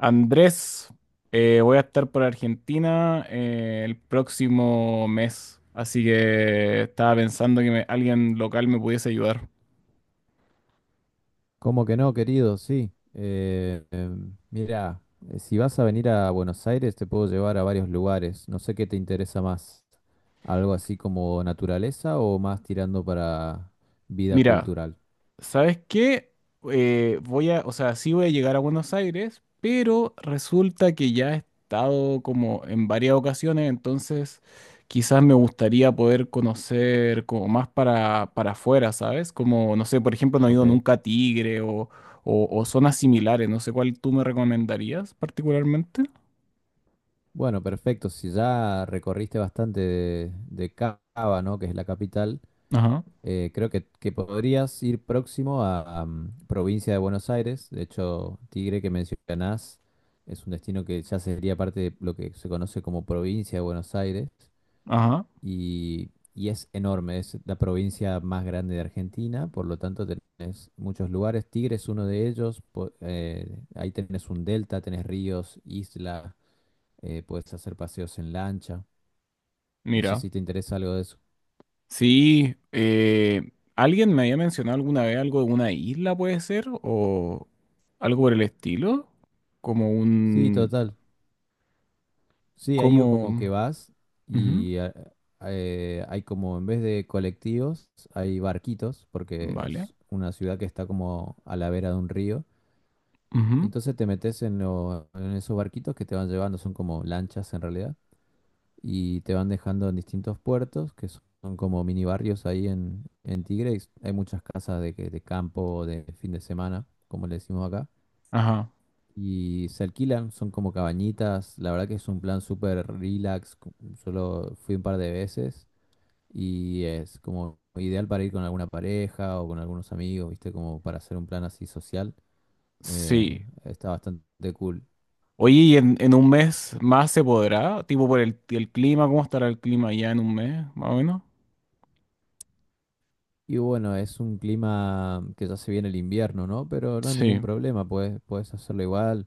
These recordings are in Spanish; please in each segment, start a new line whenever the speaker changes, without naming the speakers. Andrés, voy a estar por Argentina el próximo mes, así que estaba pensando que alguien local me pudiese ayudar.
¿Cómo que no, querido? Sí. Mira, si vas a venir a Buenos Aires, te puedo llevar a varios lugares. No sé qué te interesa más. ¿Algo así como naturaleza o más tirando para vida
Mira,
cultural?
¿sabes qué? Voy a, o sea, sí voy a llegar a Buenos Aires, pero resulta que ya he estado como en varias ocasiones, entonces quizás me gustaría poder conocer como más para afuera, ¿sabes? Como, no sé, por ejemplo, no he ido
Ok.
nunca a Tigre o zonas similares, no sé cuál tú me recomendarías particularmente.
Bueno, perfecto. Si ya recorriste bastante de Cava, ¿no? Que es la capital.
Ajá,
Creo que podrías ir próximo a provincia de Buenos Aires. De hecho, Tigre que mencionás es un destino que ya sería parte de lo que se conoce como provincia de Buenos Aires
ajá,
y es enorme. Es la provincia más grande de Argentina, por lo tanto tenés muchos lugares. Tigre es uno de ellos. Ahí tenés un delta, tenés ríos, isla, puedes hacer paseos en lancha. No sé
mira.
si te interesa algo de eso.
Sí, alguien me había mencionado alguna vez algo de una isla, puede ser, o algo por el estilo, como
Sí,
un,
total. Sí, ahí
como,
como que vas
ujú,
y a- hay como, en vez de colectivos, hay barquitos, porque
vale,
es una ciudad que está como a la vera de un río. Y
ujú,
entonces te metes en esos barquitos que te van llevando, son como lanchas en realidad, y te van dejando en distintos puertos, que son como mini barrios ahí en Tigre. Hay muchas casas de campo, de fin de semana, como le decimos acá.
ajá,
Y se alquilan, son como cabañitas. La verdad que es un plan súper relax. Solo fui un par de veces y es como ideal para ir con alguna pareja o con algunos amigos, ¿viste? Como para hacer un plan así social. Eh,
sí.
está bastante cool.
Oye, ¿y en un mes más se podrá? Tipo por el clima, ¿cómo estará el clima ya en un mes, más o menos?
Y bueno, es un clima que ya se viene el invierno, ¿no? Pero no hay
Sí.
ningún problema, puedes hacerlo igual.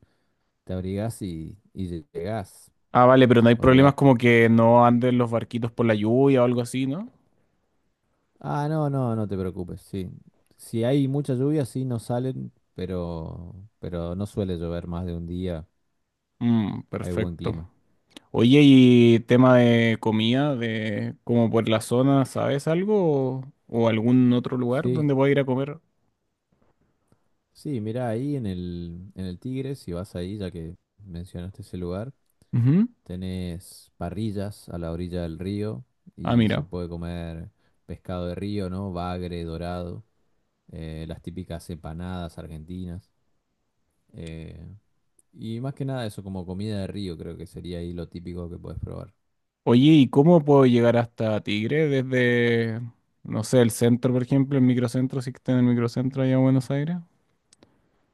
Te abrigás y llegás.
Ah, vale, pero no hay problemas
Olvídate.
como que no anden los barquitos por la lluvia o algo así, ¿no?
Ah, no, no, no te preocupes, sí. Si hay mucha lluvia, sí, no salen, pero no suele llover más de un día,
Mm,
hay buen
perfecto.
clima.
Oye, y tema de comida, de como por la zona, ¿sabes algo? O algún otro lugar
Sí,
donde pueda ir a comer?
sí, mira ahí en el Tigre, si vas ahí, ya que mencionaste ese lugar,
Ujú.
tenés parrillas a la orilla del río
Ah,
y se
mira.
puede comer pescado de río, ¿no? Bagre, dorado, las típicas empanadas argentinas. eh, y más que nada eso, como comida de río, creo que sería ahí lo típico que puedes probar.
Oye, ¿y cómo puedo llegar hasta Tigre desde, no sé, el centro, por ejemplo, el microcentro, si que está en el microcentro allá en Buenos Aires?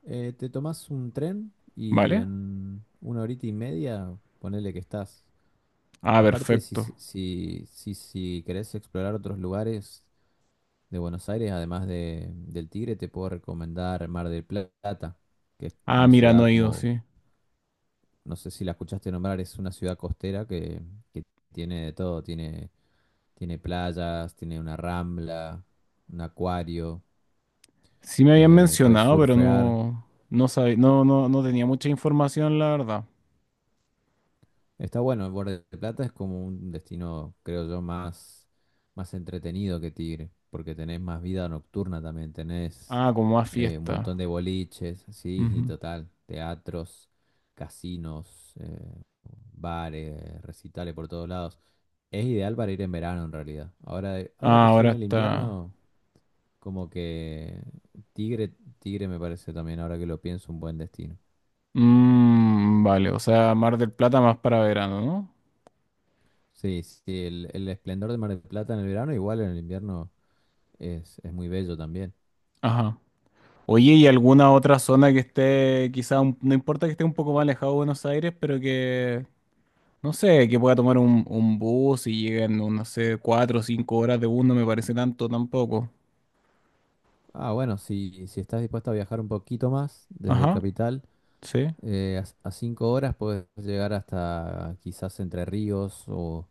Te tomás un tren y
¿Vale?
en una horita y media ponele que estás.
Ah,
Aparte, si,
perfecto.
se- si, si, si querés explorar otros lugares de Buenos Aires, además del Tigre, te puedo recomendar Mar del Plata, que es
Ah,
una
mira, no
ciudad
he ido,
como,
sí.
no sé si la escuchaste nombrar, es una ciudad costera que tiene de todo, tiene playas, tiene una rambla, un acuario,
Sí me habían
puedes
mencionado, pero
surfear.
no, no sabía, no, no tenía mucha información, la verdad.
Está bueno, el Borde de Plata es como un destino, creo yo, más entretenido que Tigre, porque tenés más vida nocturna también, tenés
Ah, como más
un
fiesta.
montón de boliches, sí, y
Ujú.
total, teatros, casinos, bares, recitales por todos lados. Es ideal para ir en verano en realidad. Ahora, ahora
Ah,
que estoy
ahora
en el
está.
invierno, como que Tigre, Tigre me parece también, ahora que lo pienso, un buen destino.
Mm, vale, o sea, Mar del Plata más para verano, ¿no?
Sí, sí, sí, el esplendor de Mar del Plata en el verano, igual en el invierno es muy bello también.
Ajá. Oye, ¿y alguna otra zona que esté, quizá, no importa que esté un poco más alejado de Buenos Aires, pero que, no sé, que pueda tomar un bus y lleguen, no sé, cuatro o cinco horas de bus, no me parece tanto tampoco.
Ah, bueno, si estás dispuesto a viajar un poquito más desde
Ajá,
Capital,
sí,
a 5 horas puedes llegar hasta quizás Entre Ríos o,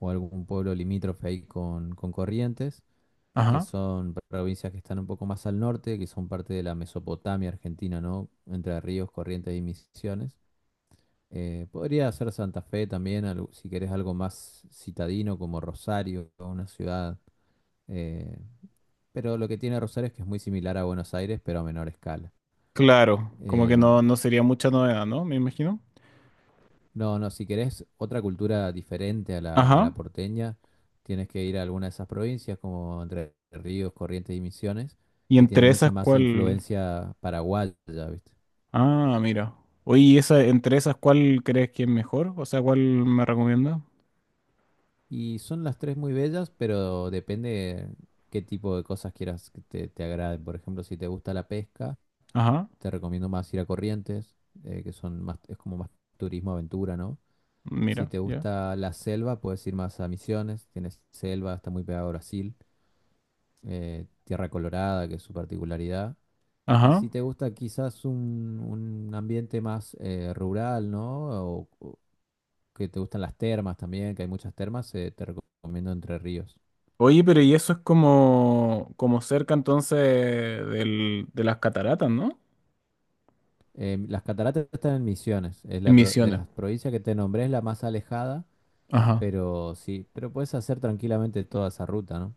o algún pueblo limítrofe ahí con Corrientes, que
ajá.
son provincias que están un poco más al norte, que son parte de la Mesopotamia argentina, ¿no? Entre Ríos, Corrientes y Misiones. Podría ser Santa Fe también, si querés algo más citadino como Rosario, o una ciudad. eh, pero lo que tiene Rosario es que es muy similar a Buenos Aires, pero a menor escala.
Claro, como que
Eh,
no, no sería mucha novedad, ¿no? Me imagino.
no, no, si querés otra cultura diferente a la, a
Ajá.
la porteña, tienes que ir a alguna de esas provincias como Entre Ríos, Corrientes y Misiones,
¿Y
que tienen
entre esas
mucha más
cuál?
influencia paraguaya, ¿viste?
Ah, mira. Oye, ¿y esa, entre esas cuál crees que es mejor? O sea, ¿cuál me recomienda?
Y son las tres muy bellas, pero depende qué tipo de cosas quieras que te agraden. Por ejemplo, si te gusta la pesca,
Ajá.
te recomiendo más ir a Corrientes, es como más turismo aventura, ¿no? Si
Mira,
te
ya.
gusta la selva, puedes ir más a Misiones, tienes selva, está muy pegado a Brasil, Tierra Colorada, que es su particularidad. Y
Ajá.
si te gusta quizás un ambiente más rural, ¿no? O que te gustan las termas también, que hay muchas termas, te recomiendo Entre Ríos.
Oye, pero y eso es como, como cerca entonces de las cataratas, ¿no?
Las cataratas están en Misiones, es
En
la de
Misiones.
las provincias que te nombré, es la más alejada,
Ajá.
pero sí, pero puedes hacer tranquilamente toda esa ruta, ¿no?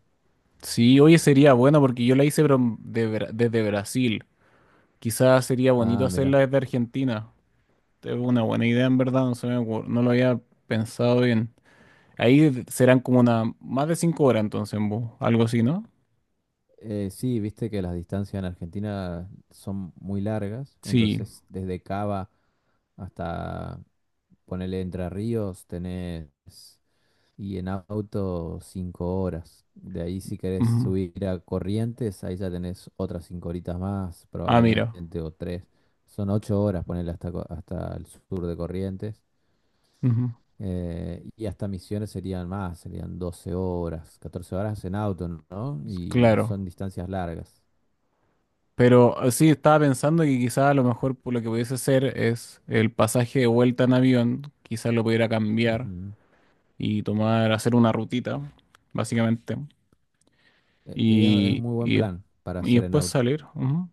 Sí, oye, sería bueno porque yo la hice pero de desde Brasil. Quizás sería bonito
Ah, mira.
hacerla desde Argentina. Es una buena idea, en verdad, no se me no lo había pensado bien. Ahí serán como una, más de cinco horas entonces en bus, algo así, ¿no?
Sí, viste que las distancias en Argentina son muy largas,
Sí.
entonces desde Cava hasta, ponele Entre Ríos, tenés. Y en auto, 5 horas. De ahí, si querés
Ujú.
subir a Corrientes, ahí ya tenés otras 5 horitas más,
Ah, mira.
probablemente, o tres. Son 8 horas, ponerle hasta, hasta el sur de Corrientes.
Ujú.
Y hasta Misiones serían 12 horas, 14 horas en auto, ¿no? Y
Claro.
son distancias largas.
Pero sí, estaba pensando que quizá a lo mejor pues, lo que pudiese hacer es el pasaje de vuelta en avión, quizá lo pudiera cambiar
Ujú.
y tomar, hacer una rutita, básicamente,
Es
y,
muy buen
y, des-
plan para
y
hacer en
después
auto.
salir. Ujú.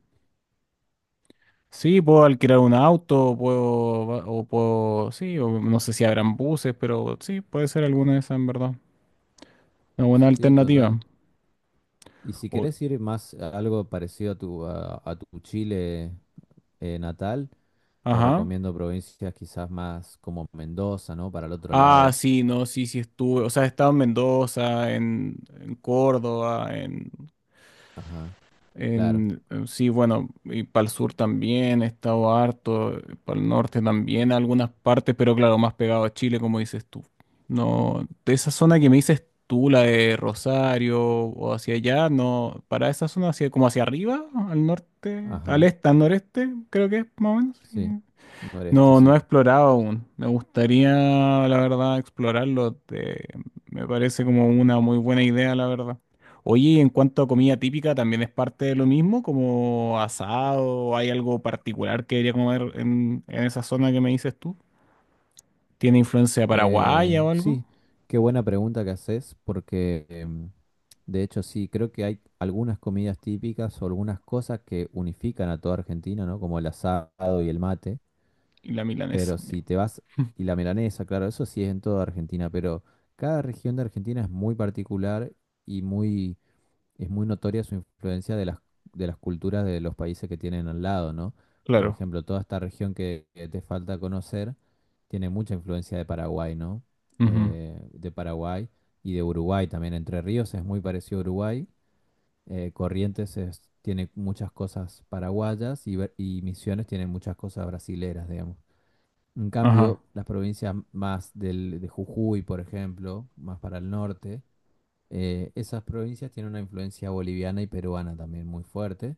Sí, puedo alquilar un auto, puedo, o puedo, sí, o no sé si habrán buses, pero sí, puede ser alguna de esas en verdad. Una buena
Sí,
alternativa.
total. Y si
O-
querés ir más a algo parecido a tu, a tu Chile natal, te
ajá.
recomiendo provincias quizás más como Mendoza, ¿no? Para el otro
Ah,
lado.
sí, no, sí, sí estuve. O sea, he estado en Mendoza, en Córdoba, en.
Ajá, claro.
En, sí, bueno, y para el sur también he estado harto, para el norte también algunas partes, pero claro, más pegado a Chile, como dices tú. No, de esa zona que me dices tú, la de Rosario o hacia allá, no, para esa zona hacia, como hacia arriba, al norte, al
Ajá,
este, al noreste, creo que es más o menos. Sí.
sí. Noreste,
No, no
sí.
he explorado aún. Me gustaría, la verdad, explorarlo. Me parece como una muy buena idea, la verdad. Oye, y en cuanto a comida típica, ¿también es parte de lo mismo, como asado? ¿Hay algo particular que debería comer en esa zona que me dices tú? ¿Tiene influencia paraguaya
Eh,
o algo?
sí, qué buena pregunta que haces, porque de hecho sí, creo que hay algunas comidas típicas o algunas cosas que unifican a toda Argentina, ¿no? Como el asado y el mate.
Y la milanesa.
Pero si te vas, y la milanesa, claro, eso sí es en toda Argentina, pero cada región de Argentina es muy particular y muy es muy notoria su influencia de las, culturas de los países que tienen al lado, ¿no? Por
Claro.
ejemplo, toda esta región que te falta conocer tiene mucha influencia de Paraguay, ¿no?
Ujú.
De Paraguay y de Uruguay también. Entre Ríos es muy parecido a Uruguay. Corrientes tiene muchas cosas paraguayas y Misiones tiene muchas cosas brasileras, digamos. En
Ajá.
cambio, las provincias más de Jujuy, por ejemplo, más para el norte, esas provincias tienen una influencia boliviana y peruana también muy fuerte,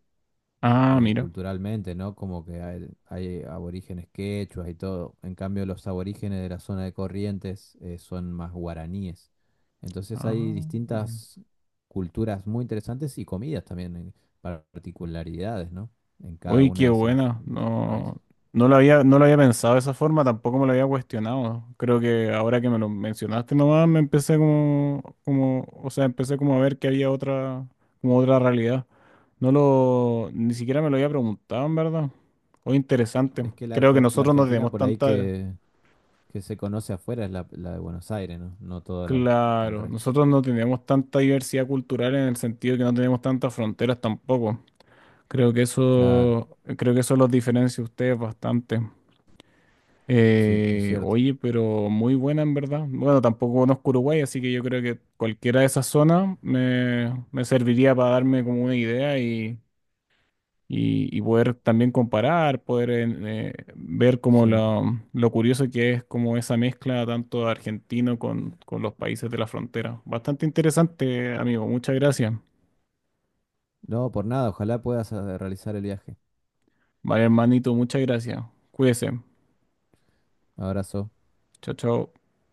Ah, mira.
culturalmente, ¿no? Como que hay aborígenes quechuas y todo. En cambio, los aborígenes de la zona de Corrientes, son más guaraníes. Entonces hay
Ah, bueno.
distintas culturas muy interesantes y comidas también, particularidades, ¿no? En cada
Uy,
una
qué
de esas,
buena.
de esas
No,
provincias.
no lo había, no lo había pensado de esa forma, tampoco me lo había cuestionado. Creo que ahora que me lo mencionaste nomás, me empecé como, como, o sea, empecé como a ver que había otra, como otra realidad. No lo, ni siquiera me lo había preguntado, en verdad. O interesante.
Es que la,
Creo que
Argen- la
nosotros no
Argentina
tenemos
por ahí
tanta,
que se conoce afuera es la de Buenos Aires, ¿no? No todo el
claro,
resto.
nosotros no tenemos tanta diversidad cultural en el sentido que no tenemos tantas fronteras tampoco.
Claro,
Creo que eso los diferencia a ustedes bastante.
sí, es cierto.
Oye, pero muy buena en verdad. Bueno, tampoco conozco Uruguay, así que yo creo que cualquiera de esas zonas me, me serviría para darme como una idea y, y poder también comparar, poder ver como
Sí.
lo curioso que es como esa mezcla tanto argentino con los países de la frontera. Bastante interesante, amigo. Muchas gracias.
No, por nada, ojalá puedas realizar el viaje.
Vale, hermanito, muchas gracias. Cuídese.
Abrazo.
Chao, chao.